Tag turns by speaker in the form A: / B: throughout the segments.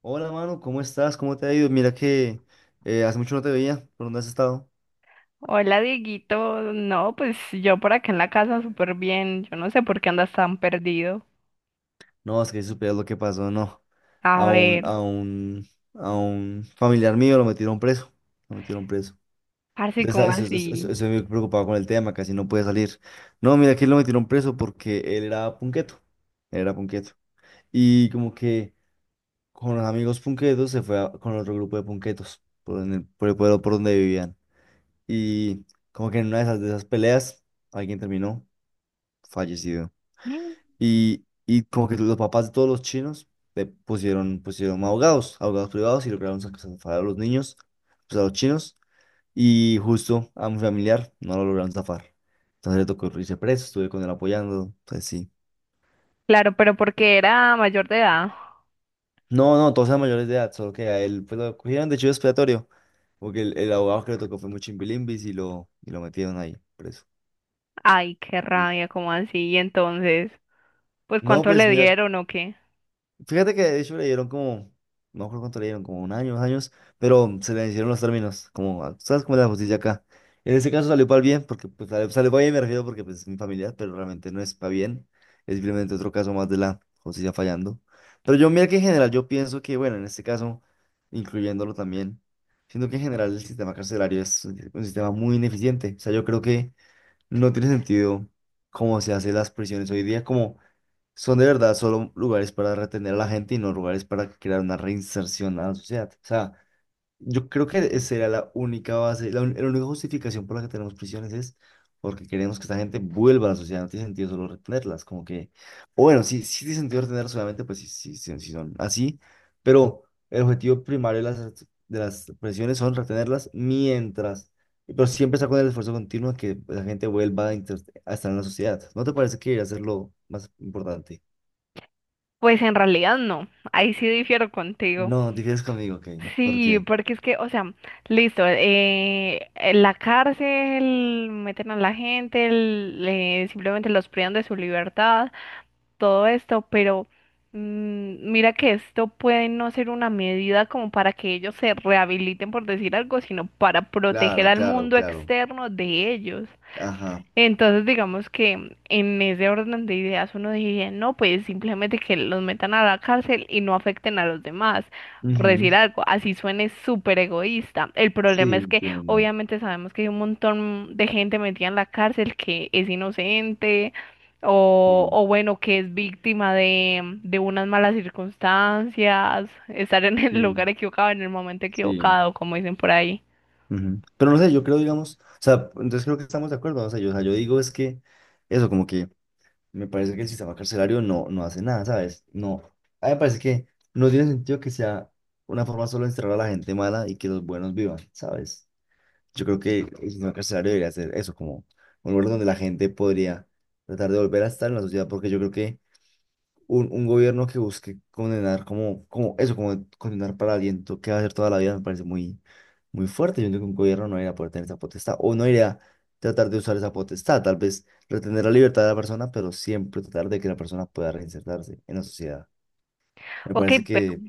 A: Hola, mano, ¿cómo estás? ¿Cómo te ha ido? Mira que hace mucho no te veía. ¿Por dónde has estado?
B: Hola, Dieguito. No, pues yo por acá en la casa súper bien. Yo no sé por qué andas tan perdido.
A: No, es que si supieras lo que pasó, no.
B: A
A: A un,
B: ver,
A: a un, a un familiar mío lo metieron preso. Lo metieron preso.
B: así como
A: Entonces,
B: así.
A: estoy muy preocupado con el tema, casi no puede salir. No, mira que lo metieron preso porque él era punqueto. Él era punqueto. Y como que con los amigos punquetos con otro grupo de punquetos por, por el pueblo por donde vivían. Y como que en una de esas peleas alguien terminó fallecido.
B: Mm.
A: Y como que los papás de todos los chinos pusieron, pusieron abogados, abogados privados y lograron zafar a los niños, pues a los chinos. Y justo a mi familiar no lo lograron zafar. Entonces le tocó irse preso, estuve con él apoyando. Entonces sí.
B: Claro, pero porque era mayor de edad.
A: No, no, todos eran mayores de edad, solo que a él pues, lo cogieron de chivo expiatorio. Porque el abogado que le tocó fue muy chimbilimbis y lo metieron ahí preso.
B: Ay, qué
A: Y-
B: rabia, como así. Y entonces, pues
A: No,
B: ¿cuánto
A: pues
B: le
A: mira,
B: dieron o qué?
A: fíjate que de hecho le dieron como, no recuerdo cuánto le dieron, como un año, dos años, pero se le hicieron los términos, como, ¿sabes cómo es la justicia acá? En ese caso salió para el bien, porque pues, sale salió para bien, me refiero porque pues, es mi familia, pero realmente no es para bien, es simplemente otro caso más de la justicia fallando. Pero yo, mira que en general, yo pienso que, bueno, en este caso, incluyéndolo también, siento que en general el sistema carcelario es un sistema muy ineficiente, o sea, yo creo que no tiene sentido cómo se hacen las prisiones hoy día, como son de verdad solo lugares para retener a la gente y no lugares para crear una reinserción a la sociedad. O sea, yo creo que esa era la única base, la única justificación por la que tenemos prisiones es porque queremos que esta gente vuelva a la sociedad. No tiene sentido solo retenerlas, como que, o bueno, sí, sí tiene sentido retenerlas, solamente pues sí, sí, sí, sí son así, pero el objetivo primario de las prisiones son retenerlas mientras, pero siempre está con el esfuerzo continuo de que la gente vuelva a, a estar en la sociedad. ¿No te parece que debería ser lo más importante?
B: Pues en realidad no. Ahí sí difiero contigo.
A: No, divides conmigo, ok. ¿Por
B: Sí,
A: qué?
B: porque es que, o sea, listo, en la cárcel meten a la gente, simplemente los privan de su libertad. Todo esto, pero mira que esto puede no ser una medida como para que ellos se rehabiliten, por decir algo, sino para proteger
A: Claro,
B: al
A: claro,
B: mundo
A: claro.
B: externo de ellos.
A: Ajá.
B: Entonces, digamos que en ese orden de ideas uno diría, no, pues simplemente que los metan a la cárcel y no afecten a los demás, por
A: Ujú.
B: decir algo, así suene súper egoísta. El
A: Sí,
B: problema es que
A: entiendo.
B: obviamente sabemos que hay un montón de gente metida en la cárcel que es inocente
A: Sí,
B: o bueno, que es víctima de unas malas circunstancias, estar en el lugar
A: sí,
B: equivocado, en el momento
A: sí.
B: equivocado, como dicen por ahí.
A: Ujú. Pero no sé, yo creo, digamos, o sea, entonces creo que estamos de acuerdo. O sea, yo digo es que eso, como que me parece que el sistema carcelario no, no hace nada, ¿sabes? No. A mí me parece que no tiene sentido que sea una forma solo de encerrar a la gente mala y que los buenos vivan, ¿sabes? Yo creo que el sistema carcelario debería ser eso, como un lugar donde la gente podría tratar de volver a estar en la sociedad, porque yo creo que un gobierno que busque condenar como, como eso, como condenar para aliento que va a hacer toda la vida, me parece muy, muy fuerte. Yo entiendo que un gobierno no iría a poder tener esa potestad o no iría a tratar de usar esa potestad. Tal vez retener la libertad de la persona, pero siempre tratar de que la persona pueda reinsertarse en la sociedad. Me
B: Ok,
A: parece
B: pero
A: que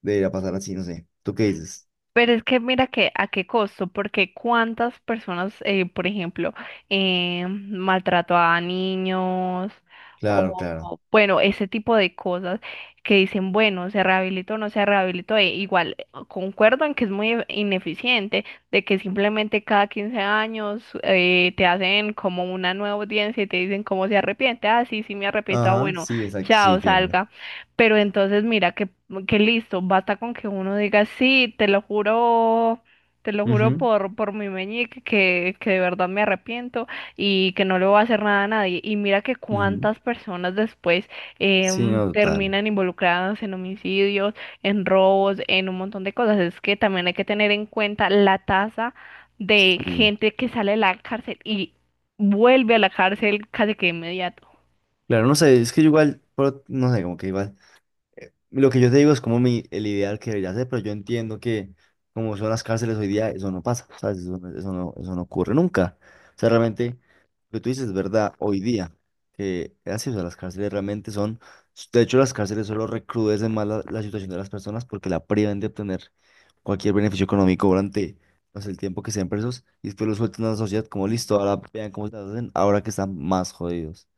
A: debería pasar así, no sé. ¿Tú qué dices?
B: Pero es que mira que a qué costo, porque cuántas personas, por ejemplo, maltrato a niños
A: Claro, claro.
B: o, bueno, ese tipo de cosas que dicen, bueno, se rehabilitó o no se rehabilitó, e igual concuerdo en que es muy ineficiente, de que simplemente cada 15 años te hacen como una nueva audiencia y te dicen cómo se arrepiente, ah, sí, sí me arrepiento, ah,
A: Ajá,
B: bueno,
A: sí, exacto, sí,
B: chao,
A: entiendo.
B: salga. Pero entonces mira que listo, basta con que uno diga, sí, te lo juro
A: Ujú,
B: por mi meñique que de verdad me arrepiento y que no le voy a hacer nada a nadie. Y mira que
A: ujú.
B: cuántas personas después
A: Sí, no, total.
B: terminan involucradas en homicidios, en robos, en un montón de cosas. Es que también hay que tener en cuenta la tasa de
A: Sí.
B: gente que sale de la cárcel y vuelve a la cárcel casi que de inmediato.
A: Claro, no sé, es que yo igual, pero no sé, como que igual. Lo que yo te digo es como el ideal que debería ser, pero yo entiendo que como son las cárceles hoy día, eso no pasa, ¿sabes? Eso, eso no ocurre nunca. O sea, realmente, lo que tú dices es verdad hoy día, que es así, o sea, las cárceles realmente son, de hecho, las cárceles solo recrudecen más la situación de las personas porque la privan de obtener cualquier beneficio económico durante, no sé, el tiempo que sean presos y después los sueltan a la sociedad como listo, ahora vean cómo se las hacen, ahora que están más jodidos.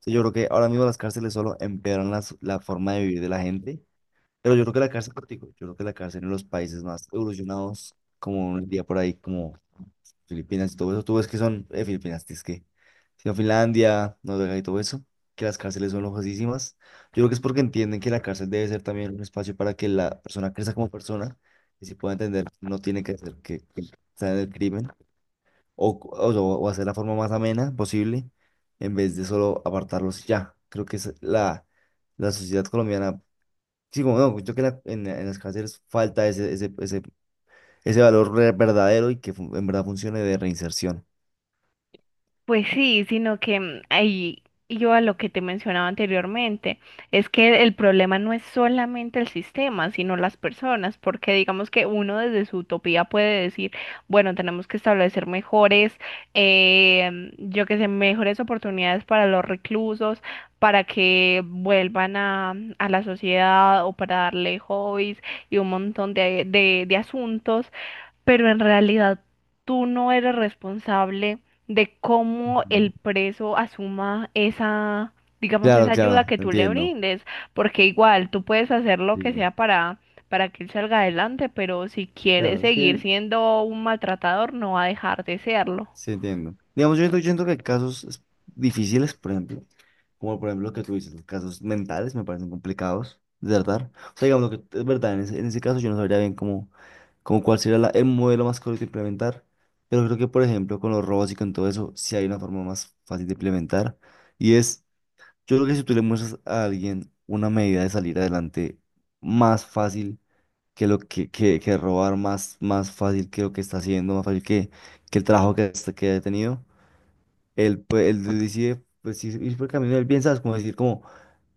A: O sea, yo creo que ahora mismo las cárceles solo empeoran la forma de vivir de la gente pero yo creo que la cárcel, como te digo, yo creo que la cárcel en los países más evolucionados, como un día por ahí, como Filipinas y todo eso, tú ves que son, Filipinas, es que, sino Finlandia, Noruega y todo eso, que las cárceles son lojosísimas. Yo creo que es porque entienden que la cárcel debe ser también un espacio para que la persona crezca como persona y se pueda entender, no tiene que hacer que sea del crimen o hacer la forma más amena posible en vez de solo apartarlos y ya. Creo que es la sociedad colombiana. Sí, como no, yo creo que en las cárceles falta ese valor verdadero y que en verdad funcione de reinserción.
B: Pues sí, sino que ahí yo a lo que te mencionaba anteriormente, es que el problema no es solamente el sistema, sino las personas, porque digamos que uno desde su utopía puede decir, bueno, tenemos que establecer mejores, yo qué sé, mejores oportunidades para los reclusos, para que vuelvan a la sociedad o para darle hobbies y un montón de de asuntos, pero en realidad tú no eres responsable de cómo
A: Ujú.
B: el preso asuma esa, digamos,
A: Claro,
B: esa ayuda
A: claro,
B: que tú le
A: entiendo.
B: brindes, porque igual tú puedes hacer lo que
A: Sí,
B: sea para que él salga adelante, pero si quiere
A: claro, es
B: seguir
A: que
B: siendo un maltratador, no va a dejar de serlo.
A: sí entiendo. Digamos, yo siento que hay casos difíciles, por ejemplo, como por ejemplo lo que tú dices, los casos mentales me parecen complicados de tratar. O sea, digamos, lo que es verdad, en ese caso yo no sabría bien cómo, cómo cuál sería el modelo más correcto de implementar, pero creo que, por ejemplo, con los robots y con todo eso, sí hay una forma más fácil de implementar, y es... Yo creo que si tú le muestras a alguien una medida de salir adelante más fácil que lo que, que robar, más, más fácil que lo que está haciendo, más fácil que el trabajo que, que ha tenido, él, pues, él decide pues, ir, ir por el camino del bien, ¿sabes? Como decir, como,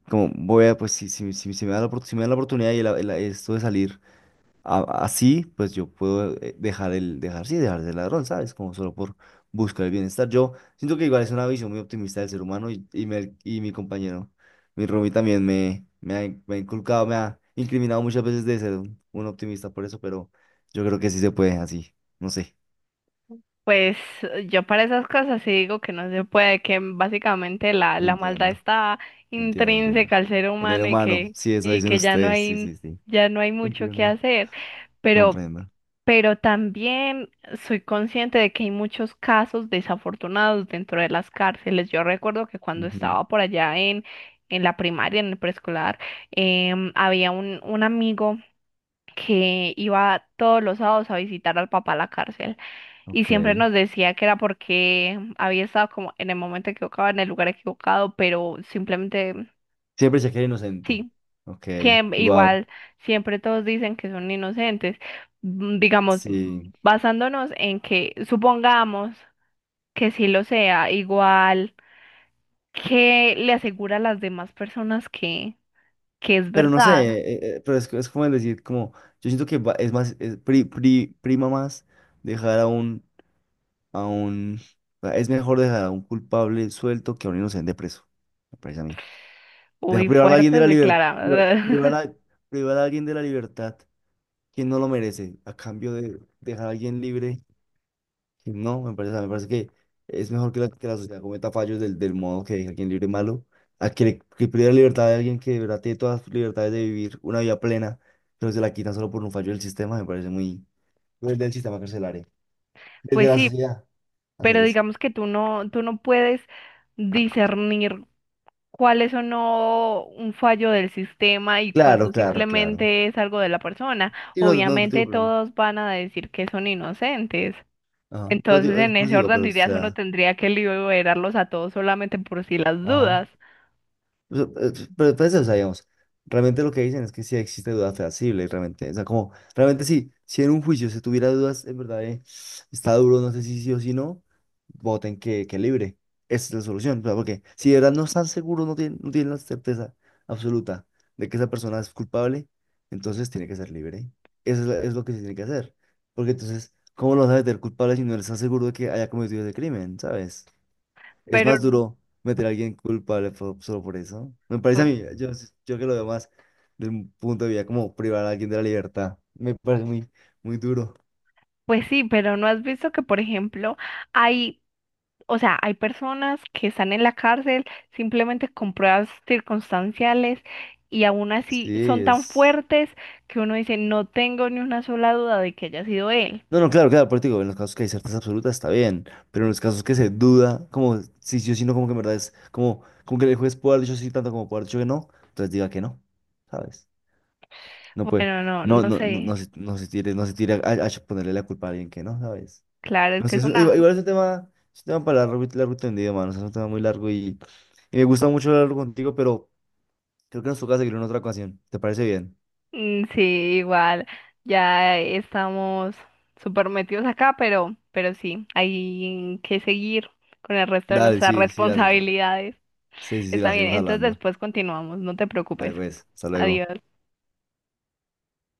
A: como voy a, pues si, si, si, si me da la, si me da la oportunidad y esto de salir así, pues yo puedo dejar el, dejar, sí, dejar de ser ladrón, ¿sabes? Como solo por buscar el bienestar. Yo siento que igual es una visión muy optimista del ser humano y, y mi compañero, mi Rumi también me ha, me ha inculcado, me ha incriminado muchas veces de ser un optimista por eso, pero yo creo que sí se puede así, no sé.
B: Pues yo para esas cosas sí digo que no se puede, que básicamente la maldad
A: Entiendo,
B: está
A: entiendo, entiendo.
B: intrínseca al ser
A: En el
B: humano
A: humano, sí, eso
B: y
A: dicen
B: que
A: ustedes, sí, sí, sí.
B: ya no hay mucho que
A: Entiendo,
B: hacer. Pero
A: comprendo.
B: pero también soy consciente de que hay muchos casos desafortunados dentro de las cárceles. Yo recuerdo que cuando
A: Ujú,
B: estaba por allá en la primaria, en el preescolar, había un amigo que iba todos los sábados a visitar al papá a la cárcel y siempre
A: ok.
B: nos decía que era porque había estado como en el momento equivocado, en el lugar equivocado, pero simplemente...
A: Siempre se quiere inocente.
B: Sí.
A: Ok, wow.
B: Igual siempre todos dicen que son inocentes. Digamos,
A: Sí.
B: basándonos en que supongamos que sí lo sea, igual que le asegura a las demás personas que es
A: Pero no sé,
B: verdad.
A: pero es como decir, como, yo siento que es más, prima más dejar a un, o sea, es mejor dejar a un culpable suelto que a un inocente preso, me parece a mí. Dejar
B: Uy,
A: privar a alguien de
B: fuertes
A: la libertad, privar,
B: declaradas.
A: privar a alguien de la libertad, quien no lo merece, a cambio de dejar a alguien libre no, me parece que es mejor que que la sociedad cometa fallos del modo que deja a quien libre malo, a que, que pierda libertad de alguien que de verdad tiene todas sus libertades de vivir una vida plena, pero se la quitan solo por un fallo del sistema, me parece muy... Desde el sistema carcelario, desde
B: Pues
A: la
B: sí,
A: sociedad, hacer
B: pero
A: eso.
B: digamos que tú no puedes discernir cuál es o no un fallo del sistema y
A: Claro,
B: cuándo
A: claro, claro.
B: simplemente es algo de la persona.
A: Sí, no, no, digo,
B: Obviamente
A: pero...
B: todos van a decir que son inocentes.
A: Ajá, pero
B: Entonces,
A: digo,
B: en ese
A: prosigo,
B: orden
A: pero
B: de
A: o
B: ideas uno
A: sea...
B: tendría que liberarlos a todos solamente por si las
A: Ajá.
B: dudas.
A: Pero, pero, pues, o sea, digamos, realmente lo que dicen es que sí existe duda fehacible, realmente. O sea, como, realmente sí, si en un juicio se tuviera dudas, en verdad, está duro, no sé si sí o si no, voten que libre. Esa es la solución, o sea, porque si de verdad no están seguros, no tienen, no tienen la certeza absoluta de que esa persona es culpable, entonces tiene que ser libre. Eso es, es lo que se tiene que hacer. Porque entonces, ¿cómo lo vas a meter culpable si no estás seguro de que haya cometido ese crimen, ¿sabes? Es
B: Pero,
A: más duro meter a alguien culpable solo por eso. Me parece a
B: pu-
A: mí, yo que lo veo más desde un punto de vista como privar a alguien de la libertad. Me parece muy, muy duro.
B: pues sí, pero ¿no has visto que, por ejemplo, hay... O sea, hay personas que están en la cárcel simplemente con pruebas circunstanciales y aún así
A: Sí,
B: son tan
A: es...
B: fuertes que uno dice, no tengo ni una sola duda de que haya sido él.
A: No, no, claro, claro, por eso te digo, en los casos que hay certeza absoluta está bien, pero en los casos que se duda, como si yo sí o si no, como que en verdad es como, como que el juez puede haber dicho sí tanto como puede haber dicho que no, entonces diga que no, ¿sabes? No puede,
B: Bueno, no,
A: no,
B: no
A: no, no,
B: sé.
A: no se, no se tire, a ponerle la culpa a alguien que no, ¿sabes?
B: Claro, es
A: No
B: que
A: sé,
B: es
A: es
B: una...
A: igual es un tema para largo, largo y tendido, mano. O sea, es un tema muy largo y me gusta mucho hablarlo contigo, pero creo que nos toca seguir en otra ocasión. ¿Te parece bien?
B: Sí, igual, ya estamos súper metidos acá, pero sí, hay que seguir con el resto de
A: Dale,
B: nuestras
A: sí, sí, sí,
B: responsabilidades.
A: sí, sí, sí,
B: Está
A: la
B: bien,
A: seguimos
B: entonces
A: hablando.
B: después continuamos, no te
A: Dale,
B: preocupes.
A: pues, hasta luego.
B: Adiós.